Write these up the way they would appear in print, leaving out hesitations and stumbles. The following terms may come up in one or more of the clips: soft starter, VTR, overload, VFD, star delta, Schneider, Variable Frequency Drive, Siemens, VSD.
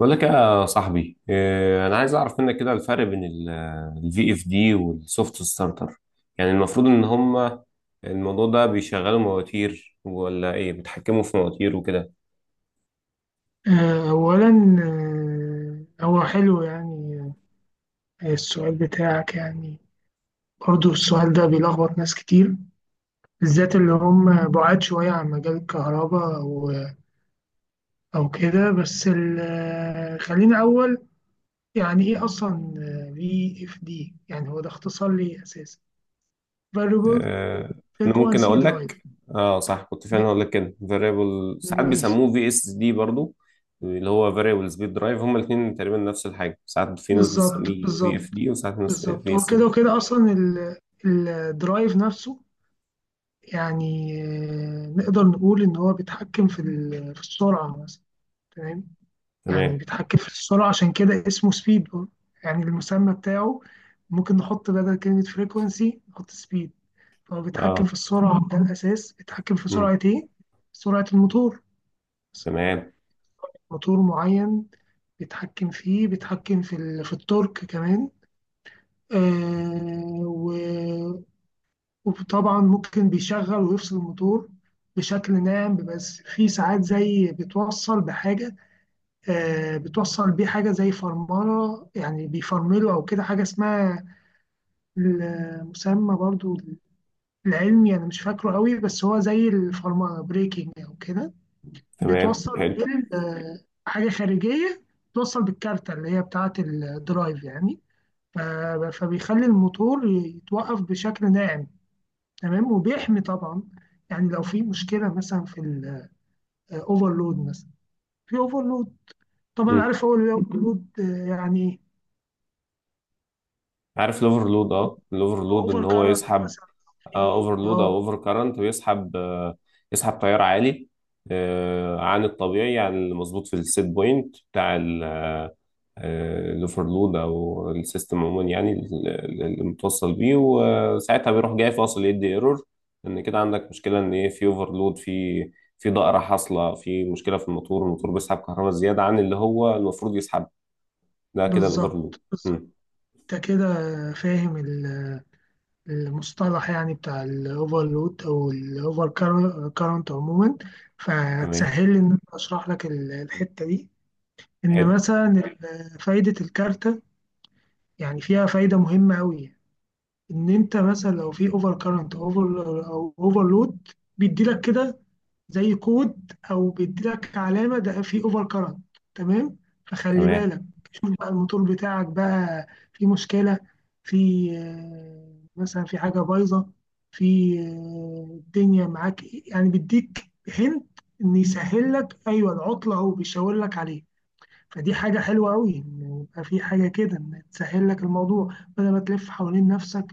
بقول لك يا صاحبي انا عايز اعرف منك كده الفرق بين الفي اف دي والسوفت ستارتر، يعني المفروض ان هما الموضوع ده بيشغلوا مواتير ولا ايه؟ بيتحكموا في مواتير وكده. أولا. هو حلو يعني. السؤال بتاعك يعني. برضو السؤال ده بيلخبط ناس كتير، بالذات اللي هم بعاد شوية عن مجال الكهرباء أو كده. بس خلينا أول يعني إيه أصلا VFD. يعني هو ده اختصار ليه أساسا؟ Variable إيه، انا ممكن Frequency اقول لك، Drive. اه صح، كنت فعلا هقول لك كده فاريبل، ساعات ماشي. بيسموه في اس دي برضو، اللي هو فاريبل سبيد درايف. هما الاثنين تقريبا نفس الحاجه، ساعات في ناس بالظبط، بتسميه في بالظبط، اف دي وساعات ناس بالظبط، في هو اس دي. كده وكده أصلا. الدرايف نفسه، يعني نقدر نقول إن هو بيتحكم في السرعة مثلا. تمام. تمام. يعني بيتحكم في السرعة، عشان كده اسمه سبيد. يعني المسمى بتاعه ممكن نحط بدل كلمة فريكونسي نحط سبيد. فهو بيتحكم اه. في السرعة، ده الأساس. بيتحكم في امم سرعة إيه؟ سرعة الموتور مثلا، تمام. موتور معين. بيتحكم فيه، بيتحكم في التورك كمان. آه وطبعا ممكن بيشغل ويفصل الموتور بشكل ناعم. بس في ساعات زي بتوصل بحاجة، بتوصل بيه حاجة زي فرملة. يعني بيفرمله أو كده، حاجة اسمها المسمى برضو العلمي أنا مش فاكره قوي، بس هو زي الفرملة، بريكنج أو كده. تمام بتوصل حلو. بيه حاجة خارجية، بتوصل بالكارتة اللي هي بتاعة الدرايف يعني. ف- فبيخلي الموتور يتوقف بشكل ناعم. تمام. وبيحمي طبعا، يعني لو في مشكله مثلا في الاوفرلود، مثلا في اوفرلود. طبعا عارف هو الاوفرلود يعني، عارف الاوفرلود؟ اه، الاوفرلود ان اوفر هو كارنت يسحب مثلا، في اوفرلود نار. او اوفر كارنت، ويسحب يسحب تيار عالي عن الطبيعي، عن المظبوط في السيت بوينت بتاع الاوفرلود او السيستم عموما، يعني اللي متوصل بيه، وساعتها بيروح جاي فاصل يدي ايرور، ان كده عندك مشكله، ان ايه في اوفرلود، في ضائره حاصله، في مشكله في الموتور. الموتور بيسحب كهرباء زياده عن اللي هو المفروض يسحب. ده كده الاوفرلود. بالظبط، مم. بالظبط. انت كده فاهم المصطلح يعني بتاع الاوفرلود او الاوفر كارنت عموما. تمام. فهتسهل لي ان انا اشرح لك الحته دي. ان حلو. مثلا فايده الكارته يعني فيها فايده مهمه قوي. ان انت مثلا لو في اوفر كارنت، او اوفر لود، بيدي لك كده زي كود، او بيدي لك علامه ده في اوفر كارنت. تمام. فخلي تمام. بالك، شوف بقى الموتور بتاعك بقى في مشكله، في مثلا في حاجه بايظه، في الدنيا معاك إيه. يعني بيديك هنت ان يسهل لك، ايوه، العطله هو بيشاور لك عليه. فدي حاجة حلوة أوي، إن يبقى في حاجة كده إن تسهل لك الموضوع بدل ما تلف حوالين نفسك.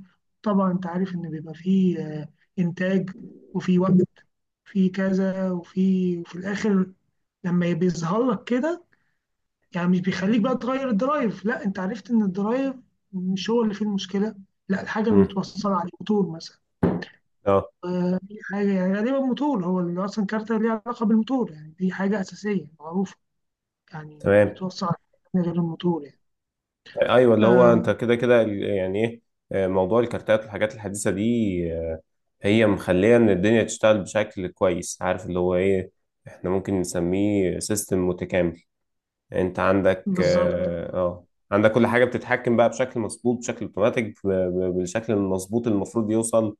طبعا أنت عارف إن بيبقى في إنتاج، وفي وقت، في كذا، وفي الآخر لما بيظهر لك كده، يعني مش بيخليك بقى تغير الدرايف. لا، أنت عرفت إن الدرايف مش هو اللي فيه المشكلة، لا الحاجة مم. المتوصلة عليه، موتور مثلا. اه. دي حاجة يعني غالبا موتور، هو اللي أصلا كارت ليه علاقة بالموتور، يعني دي حاجة أساسية معروفة. يعني مش تمام. بتوصل على حاجة غير الموتور ايوه، اللي هو انت يعني. كده يعني ايه، موضوع الكارتات والحاجات الحديثه دي، آه، هي مخليه ان الدنيا تشتغل بشكل كويس. عارف اللي هو ايه؟ احنا ممكن نسميه سيستم متكامل. انت عندك بالظبط، اه آه، عندك كل حاجه بتتحكم بقى بشكل مظبوط، بشكل اوتوماتيك، بالشكل المظبوط اللي المفروض يوصل،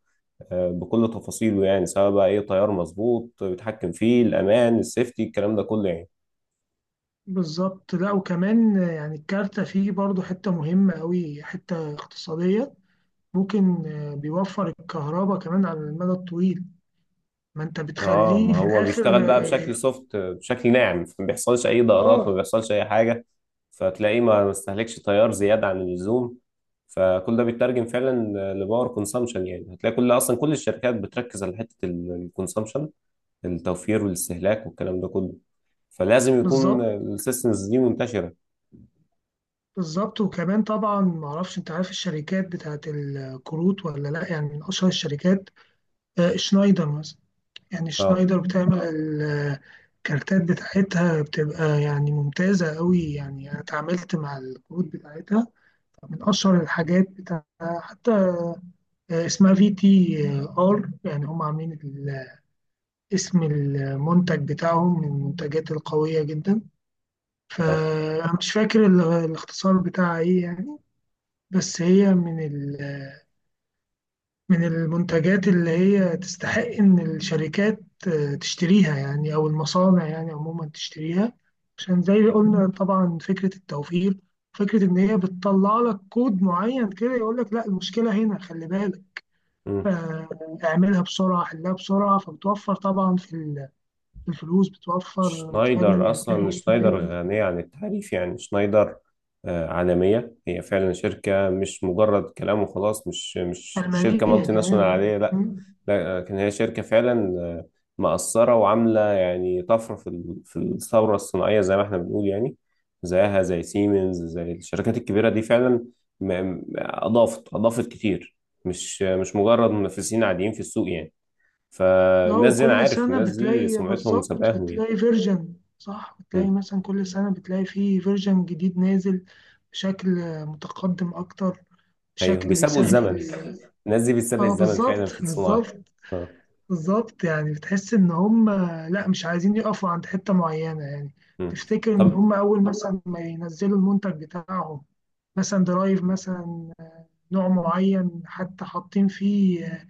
بكل تفاصيله، يعني سواء بقى ايه تيار مظبوط بيتحكم فيه، الامان، السيفتي، الكلام ده كله يعني. بالظبط. لا، وكمان يعني الكارتة فيه برضو حتة مهمة أوي، حتة اقتصادية. ممكن بيوفر الكهرباء كمان على المدى الطويل. ما أنت اه، بتخليه ما في هو بيشتغل الآخر بقى بشكل سوفت، بشكل ناعم، فما بيحصلش اي ضررات، ما آه، بيحصلش اي حاجه، فتلاقيه ما استهلكش تيار زياده عن اللزوم. فكل ده بيترجم فعلا لباور كونسامشن. يعني هتلاقي كل اصلا كل الشركات بتركز على حته الكونسامشن، التوفير والاستهلاك والكلام ده كله، فلازم يكون بالظبط، السيستمز دي منتشره. بالظبط. وكمان طبعا معرفش، أنت عارف الشركات بتاعت الكروت ولا لأ؟ يعني من أشهر الشركات شنايدر مثلا. يعني اه، شنايدر بتعمل الكارتات بتاعتها، بتبقى يعني ممتازة أوي. يعني أنا اتعاملت مع الكروت بتاعتها، من اشهر الحاجات بتاع، حتى اسمها VTR. يعني هم عاملين اسم المنتج بتاعهم، من المنتجات القويه جدا. فانا مش فاكر الاختصار بتاعها ايه يعني. بس هي من المنتجات اللي هي تستحق ان الشركات تشتريها، يعني او المصانع يعني عموما تشتريها. عشان زي ما قلنا طبعا فكره التوفير، فكره ان هي بتطلع لك كود معين كده يقول لك لا المشكله هنا، خلي بالك. اه، آه، اعملها بسرعه، حلها بسرعه، فبتوفر طبعا في الفلوس، بتوفر، بتخلي شنايدر الانتاج أصلا شنايدر مستمر. غنية عن التعريف. يعني شنايدر عالمية، هي فعلا شركة، مش مجرد كلام وخلاص، مش الماليه شركة مالتي ناشونال كمان. عادية، آه. لا. مم. لا لكن هي شركة فعلا مأثرة وعاملة يعني طفرة في الثورة الصناعية زي ما احنا بنقول يعني. زيها زي سيمنز، زي الشركات الكبيرة دي فعلا. أضافت كتير. مش مجرد منافسين عاديين في السوق يعني. اه، فالناس دي أنا وكل عارف سنه الناس دي بتلاقي، سمعتهم بالظبط، سبقاهم بتلاقي فيرجن صح، بتلاقي يعني. مثلا كل سنه بتلاقي فيه فيرجن جديد نازل بشكل متقدم اكتر، ايوه، بشكل بيسابقوا الزمن. بيسهل. الناس دي بتسابق اه، الزمن فعلا في بالظبط، الصناعه. بالظبط. آه. بالظبط، يعني بتحس ان هم لا مش عايزين يقفوا عند حتة معينة يعني. مم. تفتكر ان طب هم اول مثلا ما ينزلوا المنتج بتاعهم، مثلا درايف مثلا، نوع معين، حتى حاطين فيه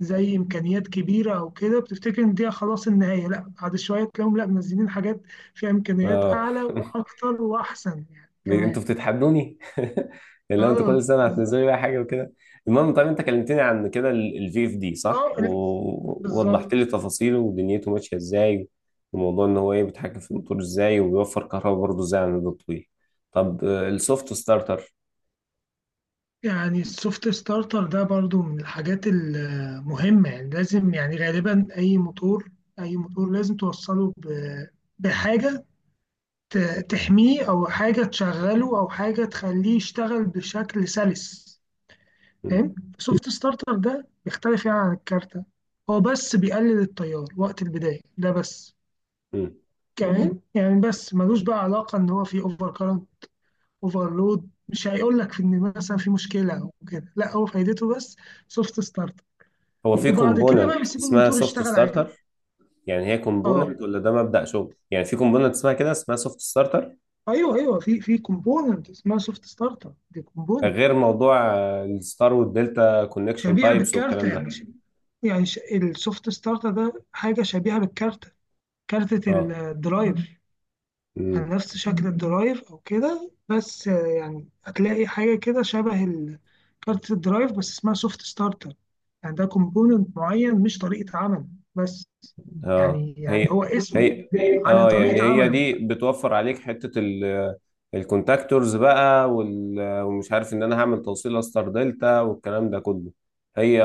زي امكانيات كبيرة او كده، بتفتكر ان دي خلاص النهاية، لا بعد شوية تلاقيهم لا منزلين حاجات فيها امكانيات آه. اعلى واكتر واحسن يعني كمان. انتوا بتتحدوني. اللي هو انتوا كل اه، سنه هتنزلوا لي بالظبط. بقى حاجه وكده. المهم، طب انت كلمتني عن كده الفي اف دي اه، صح، ووضحت بالظبط. لي تفاصيله، ودنيته ماشيه ازاي، وموضوع ان هو ايه بيتحكم في الموتور ازاي، وبيوفر كهرباء برضه ازاي على المدى الطويل. طب السوفت ستارتر. يعني السوفت ستارتر ده برضو من الحاجات المهمة. يعني لازم يعني غالبا أي موتور لازم توصله بحاجة تحميه، أو حاجة تشغله، أو حاجة تخليه يشتغل بشكل سلس. مم. فاهم؟ السوفت ستارتر ده بيختلف يعني عن الكارتة. هو بس بيقلل التيار وقت البداية، ده بس مم. كمان يعني. بس ملوش بقى علاقة إن هو في اوفرلود، مش هيقول لك ان مثلا في مشكله او كده، لا هو فايدته بس سوفت ستارت، هو في وبعد كده بقى كومبوننت بيسيب اسمها الموتور سوفت يشتغل عادي. ستارتر، يعني هي اه، كومبوننت ولا ده مبدأ شغل؟ يعني في كومبوننت اسمها كده، اسمها سوفت ستارتر، ايوه، ايوه، في كومبوننت اسمها سوفت ستارت، دي كومبوننت غير موضوع الستار والدلتا كونكشن شبيهه تايبس بالكارت. والكلام ده. يعني السوفت ستارت ده حاجه شبيهه بالكارت، كارتة اه. الدرايف. امم يعني نفس شكل الدرايف او كده، بس يعني هتلاقي حاجه كده شبه كارت الدرايف، بس اسمها سوفت ستارتر. يعني ده كومبوننت معين، مش طريقه عمل بس. اه. يعني هي. هو اسمه هي. على اه، يعني طريقه هي عمله. دي بتوفر عليك حتة الكونتاكتورز بقى، ومش عارف ان انا هعمل توصيله ستار دلتا والكلام ده كله. هي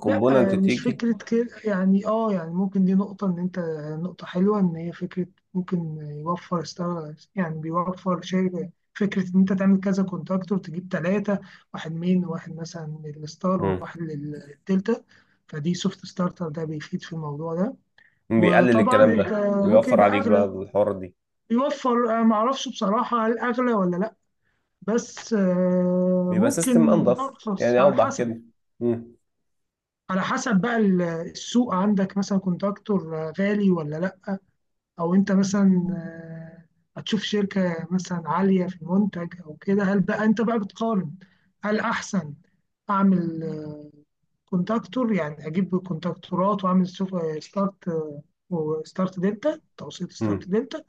كومبوننت لا مش تيجي. فكرة كده يعني. اه، يعني ممكن دي نقطة ان انت، نقطة حلوة، ان هي فكرة ممكن يوفر يعني بيوفر شيء. فكرة ان انت تعمل كذا كونتاكتور، تجيب ثلاثة، واحد مثلا للستار، مم. وواحد للدلتا. فدي، سوفت ستارتر ده بيفيد في الموضوع ده. بيقلل وطبعا الكلام انت ده، ممكن بيوفر يبقى عليك بقى اغلى، الحوارات دي، بيوفر معرفش بصراحة هل اغلى ولا لا. بس بيبقى سيستم ممكن انضف ارخص يعني، على اوضح حسب. كده. مم. على حسب بقى السوق، عندك مثلا كونتراكتور غالي ولا لا، او انت مثلا هتشوف شركة مثلا عالية في المنتج او كده، هل بقى انت بقى بتقارن هل احسن اعمل كونتراكتور، يعني اجيب كونتراكتورات واعمل ستارت، وستارت دلتا، توصيل ستارت مم. دلتا،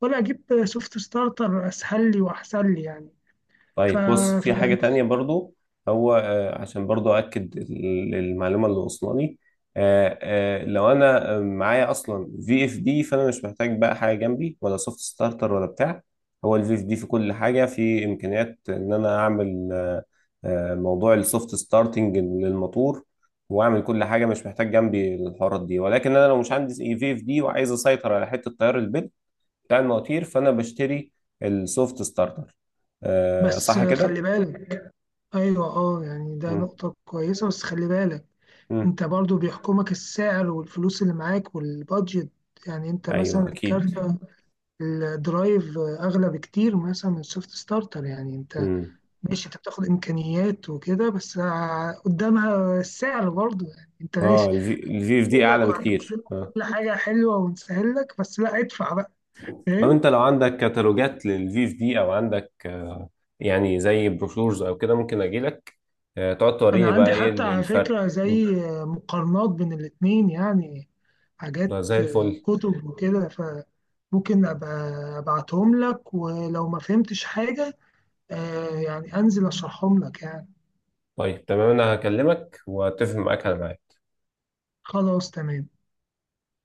ولا اجيب سوفت ستارتر اسهل لي واحسن لي يعني. ف... طيب، بص، ف- في حاجة تانية برضو. هو عشان برضو أكد المعلومة اللي وصلنا لي، لو أنا معايا أصلا في اف دي، فأنا مش محتاج بقى حاجة جنبي، ولا سوفت ستارتر ولا بتاع. هو الفي اف دي في كل حاجة، في إمكانيات إن أنا أعمل موضوع السوفت ستارتنج للموتور، وأعمل كل حاجة، مش محتاج جنبي الحوارات دي. ولكن أنا لو مش عندي في اف دي وعايز أسيطر على حتة تيار البدء بتاع المواتير، فانا بشتري السوفت ستارتر. آه بس صح كده. خلي بالك. ايوه، اه، يعني ده مم. نقطة كويسة، بس خلي بالك مم. انت برضو بيحكمك السعر والفلوس اللي معاك والبادجت. يعني انت مثلا ايوه اكيد. الكارت الدرايف اغلى بكتير مثلا من السوفت ستارتر. يعني انت مم. ماشي، انت بتاخد امكانيات وكده، بس قدامها السعر برضو. يعني انت ماشي اه، الفي اف دي يقول لك اعلى وهنقفل بكتير. لك اه. كل حاجه حلوه ونسهل لك، بس لا، ادفع بقى. طب فاهم؟ انت لو عندك كتالوجات للفي اف دي، او عندك آه، يعني زي بروشورز او كده، ممكن اجي لك تقعد انا توريني بقى عندي ايه حتى على الفرق. فكره مم. زي مقارنات بين الاتنين يعني، حاجات ده زي الفل. كتب وكده، فممكن أبقى أبعتهم لك. ولو ما فهمتش حاجة، يعني أنزل أشرحهم لك يعني. طيب تمام، انا هكلمك واتفق معاك على ميعاد. خلاص تمام.